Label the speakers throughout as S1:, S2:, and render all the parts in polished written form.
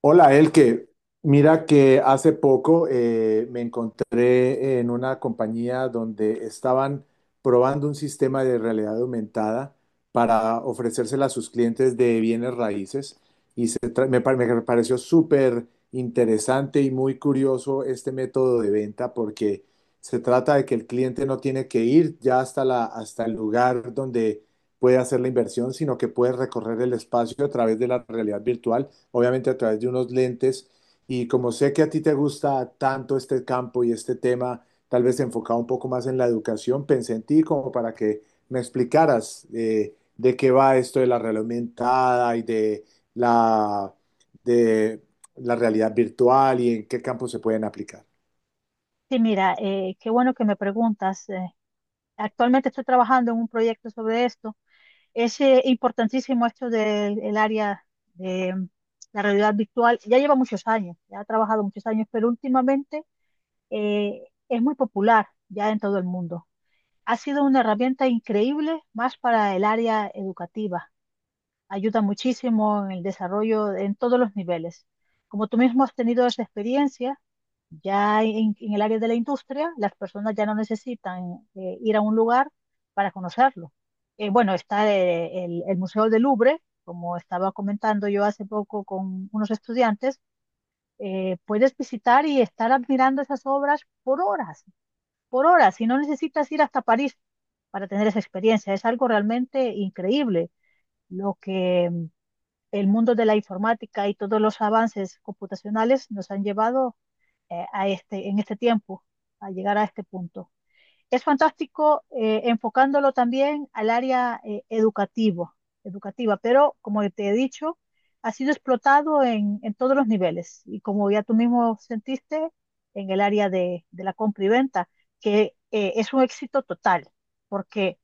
S1: Hola, Elke. Mira que hace poco me encontré en una compañía donde estaban probando un sistema de realidad aumentada para ofrecérsela a sus clientes de bienes raíces y se tra- me, pa- me pareció súper interesante y muy curioso este método de venta porque se trata de que el cliente no tiene que ir ya hasta hasta el lugar donde puede hacer la inversión, sino que puede recorrer el espacio a través de la realidad virtual, obviamente a través de unos lentes. Y como sé que a ti te gusta tanto este campo y este tema, tal vez enfocado un poco más en la educación, pensé en ti como para que me explicaras de qué va esto de la realidad aumentada y la, de la realidad virtual y en qué campos se pueden aplicar.
S2: Sí, mira, qué bueno que me preguntas. Actualmente estoy trabajando en un proyecto sobre esto. Es importantísimo esto del el área de la realidad virtual. Ya lleva muchos años, ya ha trabajado muchos años, pero últimamente eh, es muy popular ya en todo el mundo. Ha sido una herramienta increíble más para el área educativa, ayuda muchísimo en el desarrollo en todos los niveles. Como tú mismo has tenido esa experiencia, ya en el área de la industria, las personas ya no necesitan ir a un lugar para conocerlo. Bueno, está el Museo del Louvre, como estaba comentando yo hace poco con unos estudiantes, puedes visitar y estar admirando esas obras por horas, y no necesitas ir hasta París para tener esa experiencia. Es algo realmente increíble lo que el mundo de la informática y todos los avances computacionales nos han llevado, a este, en este tiempo, a llegar a este punto. Es fantástico, enfocándolo también al área educativa, pero como te he dicho, ha sido explotado todos los niveles y como ya tú mismo sentiste, en el área de la compra y venta, que es un éxito total, porque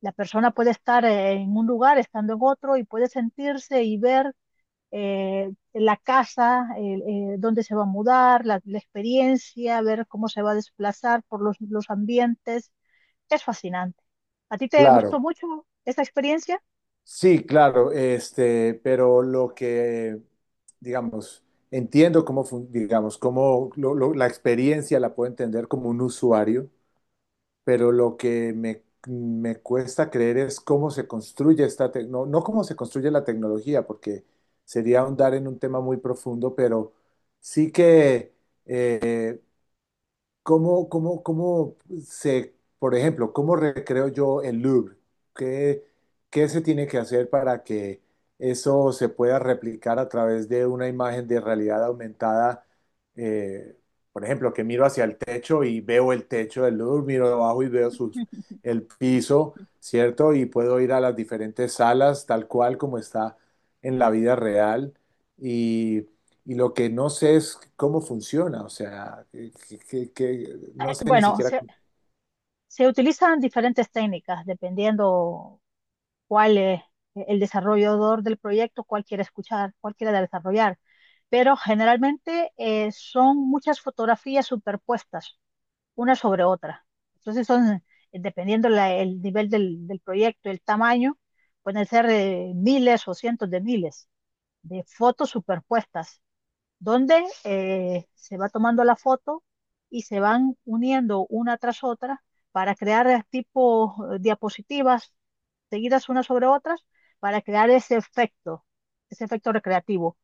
S2: la persona puede estar en un lugar, estando en otro, y puede sentirse y ver la casa, dónde se va a mudar, experiencia, ver cómo se va a desplazar por los ambientes. Es fascinante. ¿A ti te gustó
S1: Claro,
S2: mucho esa experiencia?
S1: sí, claro, este, pero lo que, digamos, entiendo cómo, digamos, cómo la experiencia la puedo entender como un usuario, pero lo que me cuesta creer es cómo se construye esta tecnología. No, no cómo se construye la tecnología, porque sería ahondar en un tema muy profundo, pero sí que... cómo se, por ejemplo, cómo recreo yo el Louvre? ¿Qué, qué se tiene que hacer para que eso se pueda replicar a través de una imagen de realidad aumentada? Eh, por ejemplo, que miro hacia el techo y veo el techo del Louvre, miro abajo y veo sus, el piso, ¿cierto? Y puedo ir a las diferentes salas tal cual como está en la vida real, y lo que no sé es cómo funciona. O sea, que, no sé ni
S2: Bueno,
S1: siquiera cómo.
S2: utilizan diferentes técnicas dependiendo cuál es el desarrollador del proyecto, cuál quiere escuchar, cuál quiere desarrollar. Pero generalmente son muchas fotografías superpuestas una sobre otra. Entonces son, dependiendo el nivel del proyecto, el tamaño, pueden ser miles o cientos de miles de fotos superpuestas, donde se va tomando la foto y se van uniendo una tras otra para crear tipo diapositivas seguidas unas sobre otras para crear ese efecto recreativo.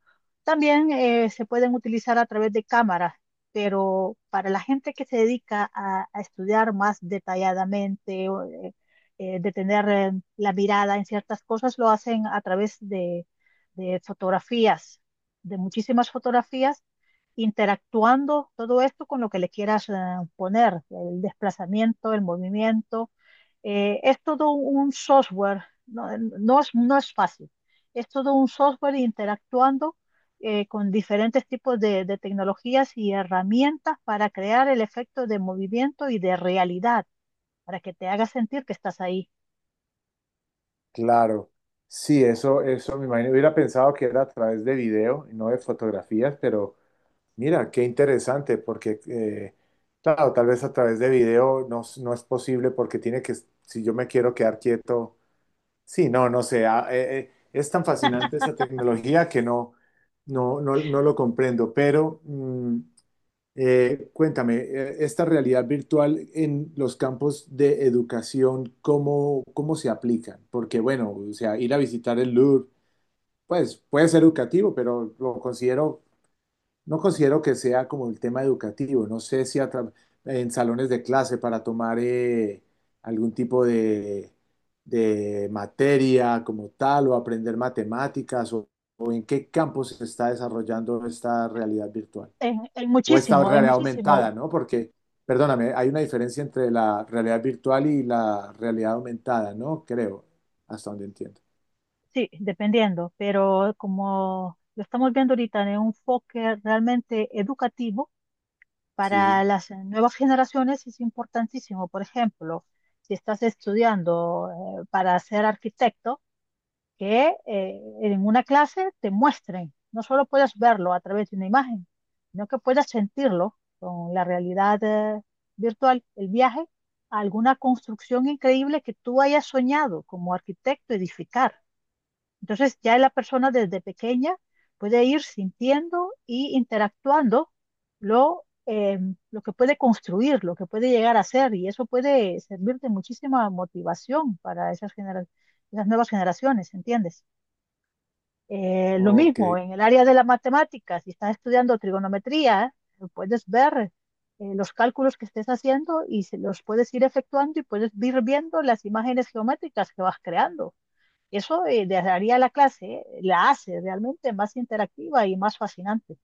S2: También se pueden utilizar a través de cámaras, pero para la gente que se dedica a estudiar más detalladamente, o, detener la mirada en ciertas cosas, lo hacen a través de fotografías, de muchísimas fotografías, interactuando todo esto con lo que le quieras poner, el desplazamiento, el movimiento. Es todo un software, no es fácil, es todo un software interactuando con diferentes tipos de tecnologías y herramientas para crear el efecto de movimiento y de realidad, para que te haga sentir que estás ahí.
S1: Claro, sí, eso me imagino. Hubiera pensado que era a través de video y no de fotografías, pero mira, qué interesante, porque claro, tal vez a través de video no, no es posible porque tiene que, si yo me quiero quedar quieto, sí, no, no sé, ah, es tan fascinante esta tecnología que no, no, no lo comprendo, pero... cuéntame, esta realidad virtual en los campos de educación, cómo se aplican? Porque, bueno, o sea, ir a visitar el Louvre pues puede ser educativo, pero lo considero, no considero que sea como el tema educativo. No sé si a en salones de clase para tomar algún tipo de materia como tal, o aprender matemáticas o en qué campos se está desarrollando esta realidad virtual
S2: En
S1: o esta
S2: muchísimo, en
S1: realidad
S2: muchísimo.
S1: aumentada, ¿no? Porque, perdóname, hay una diferencia entre la realidad virtual y la realidad aumentada, ¿no? Creo, hasta donde entiendo.
S2: Sí, dependiendo, pero como lo estamos viendo ahorita en un enfoque realmente educativo
S1: Sí,
S2: para las nuevas generaciones es importantísimo. Por ejemplo, si estás estudiando para ser arquitecto, que en una clase te muestren, no solo puedas verlo a través de una imagen, sino que puedas sentirlo con la realidad virtual, el viaje a alguna construcción increíble que tú hayas soñado como arquitecto edificar. Entonces ya la persona desde pequeña puede ir sintiendo y interactuando lo, eh, lo que puede construir, lo que puede llegar a ser, y eso puede servir de muchísima motivación para esas nuevas generaciones, ¿entiendes? Lo
S1: ok.
S2: mismo en el área de la matemática, si estás estudiando trigonometría, puedes ver los cálculos que estés haciendo y se los puedes ir efectuando y puedes ir viendo las imágenes geométricas que vas creando. Eso haría la clase, la hace realmente más interactiva y más fascinante.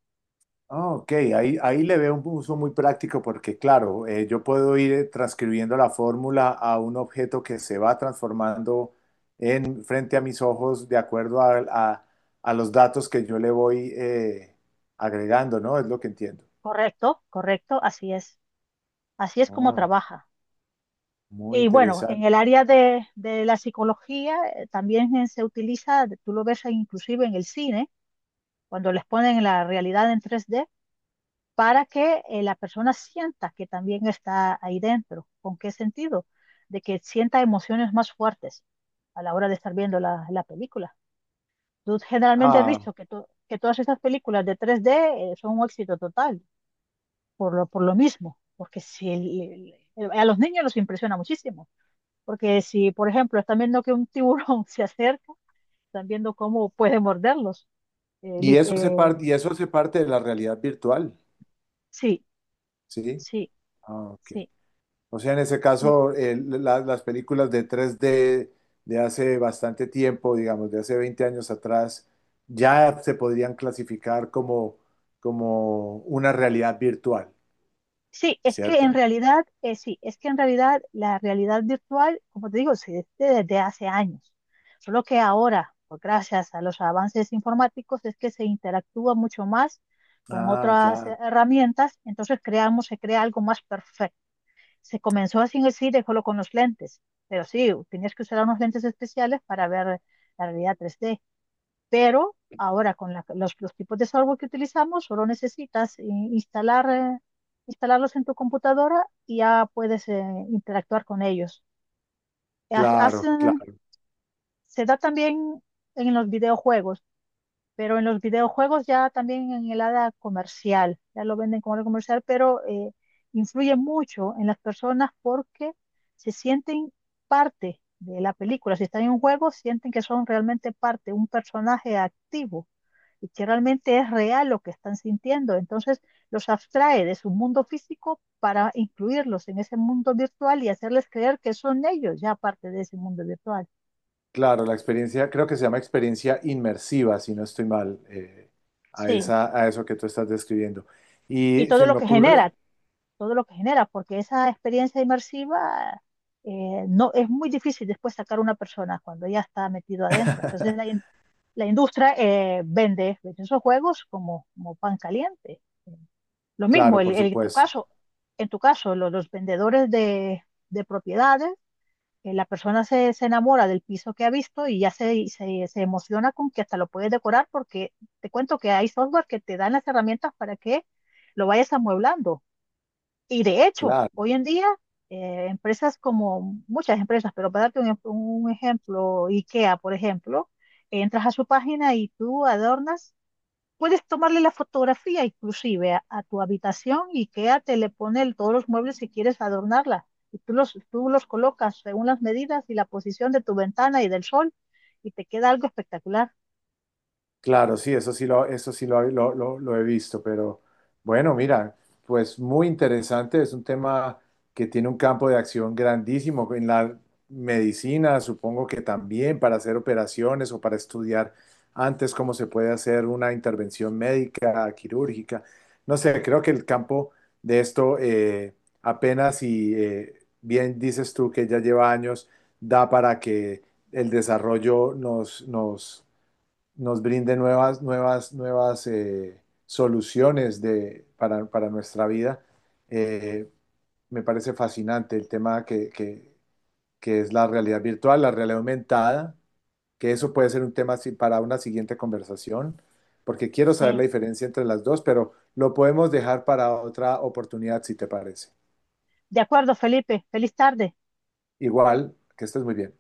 S1: Ah, ok, ahí le veo un uso muy práctico porque, claro, yo puedo ir transcribiendo la fórmula a un objeto que se va transformando en, frente a mis ojos, de acuerdo a, a los datos que yo le voy agregando, ¿no? Es lo que entiendo.
S2: Correcto, correcto, así es. Así es como
S1: Oh,
S2: trabaja.
S1: muy
S2: Y bueno, en
S1: interesante.
S2: el área de la psicología también se utiliza, tú lo ves inclusive en el cine, cuando les ponen la realidad en tres d para que la persona sienta que también está ahí dentro. ¿Con qué sentido? De que sienta emociones más fuertes a la hora de estar viendo la película. Tú generalmente has
S1: Ah.
S2: visto que, que todas esas películas de 3D son un éxito total, por lo mismo, porque si a los niños los impresiona muchísimo, porque si, por ejemplo, están viendo que un tiburón se acerca, están viendo cómo puede morderlos. Eh,
S1: Y
S2: lit-
S1: eso hace
S2: eh,
S1: parte, y eso hace parte de la realidad virtual,
S2: sí,
S1: ¿sí?
S2: sí,
S1: Ah, ok.
S2: sí.
S1: O sea, en ese caso, las películas de 3D de hace bastante tiempo, digamos, de hace 20 años atrás, ya se podrían clasificar como, como una realidad virtual,
S2: Sí, es que en
S1: ¿cierto?
S2: realidad, sí, es que en realidad la realidad virtual, como te digo, se existe desde hace años. Solo que ahora, pues, gracias a los avances informáticos, es que se interactúa mucho más con
S1: Ah,
S2: otras
S1: claro,
S2: herramientas, entonces se crea algo más perfecto. Se comenzó así en el cine solo con los lentes, pero sí, tenías que usar unos lentes especiales para ver la realidad 3D. Pero ahora con los tipos de software que utilizamos, solo necesitas instalar, instalarlos en tu computadora y ya puedes interactuar con ellos. Haz-
S1: claro,
S2: hacen-
S1: claro,
S2: Se da también en los videojuegos, pero en los videojuegos ya también en el área comercial, ya lo venden como área comercial, pero influye mucho en las personas porque se sienten parte de la película. Si están en un juego, sienten que son realmente parte, un personaje activo y que realmente es real lo que están sintiendo. Entonces los abstrae de su mundo físico para incluirlos en ese mundo virtual y hacerles creer que son ellos ya parte de ese mundo virtual.
S1: claro. La experiencia, creo que se llama experiencia inmersiva, si no estoy mal, a
S2: Sí,
S1: esa, a eso que tú estás describiendo.
S2: y
S1: Y
S2: todo
S1: se
S2: lo
S1: me
S2: que
S1: ocurre...
S2: genera, todo lo que genera, porque esa experiencia inmersiva, no es muy difícil después sacar a una persona cuando ya está metido adentro. Entonces la industria vende esos juegos como, como pan caliente. Lo mismo,
S1: Claro, por
S2: tu
S1: supuesto.
S2: caso, en tu caso, los vendedores de propiedades, la persona se enamora del piso que ha visto y ya se emociona con que hasta lo puedes decorar porque te cuento que hay software que te dan las herramientas para que lo vayas amueblando. Y de hecho,
S1: Claro.
S2: hoy en día, empresas como muchas empresas, pero para darte un, un ejemplo, IKEA, por ejemplo, entras a su página y tú adornas. Puedes tomarle la fotografía inclusive a tu habitación y Ikea te le pone todos los muebles si quieres adornarla. Y tú los colocas según las medidas y la posición de tu ventana y del sol y te queda algo espectacular.
S1: Claro, sí, eso sí lo, lo he visto, pero bueno, mira, pues muy interesante, es un tema que tiene un campo de acción grandísimo en la medicina, supongo que también para hacer operaciones o para estudiar antes cómo se puede hacer una intervención médica, quirúrgica, no sé, creo que el campo de esto apenas y bien dices tú que ya lleva años, da para que el desarrollo nos nos brinde nuevas, nuevas soluciones para nuestra vida. Eh, Me parece fascinante el tema que es la realidad virtual, la realidad aumentada, que eso puede ser un tema para una siguiente conversación, porque quiero saber la
S2: Sí.
S1: diferencia entre las dos, pero lo podemos dejar para otra oportunidad, si te parece.
S2: De acuerdo, Felipe. Feliz tarde.
S1: Igual, que estés muy bien.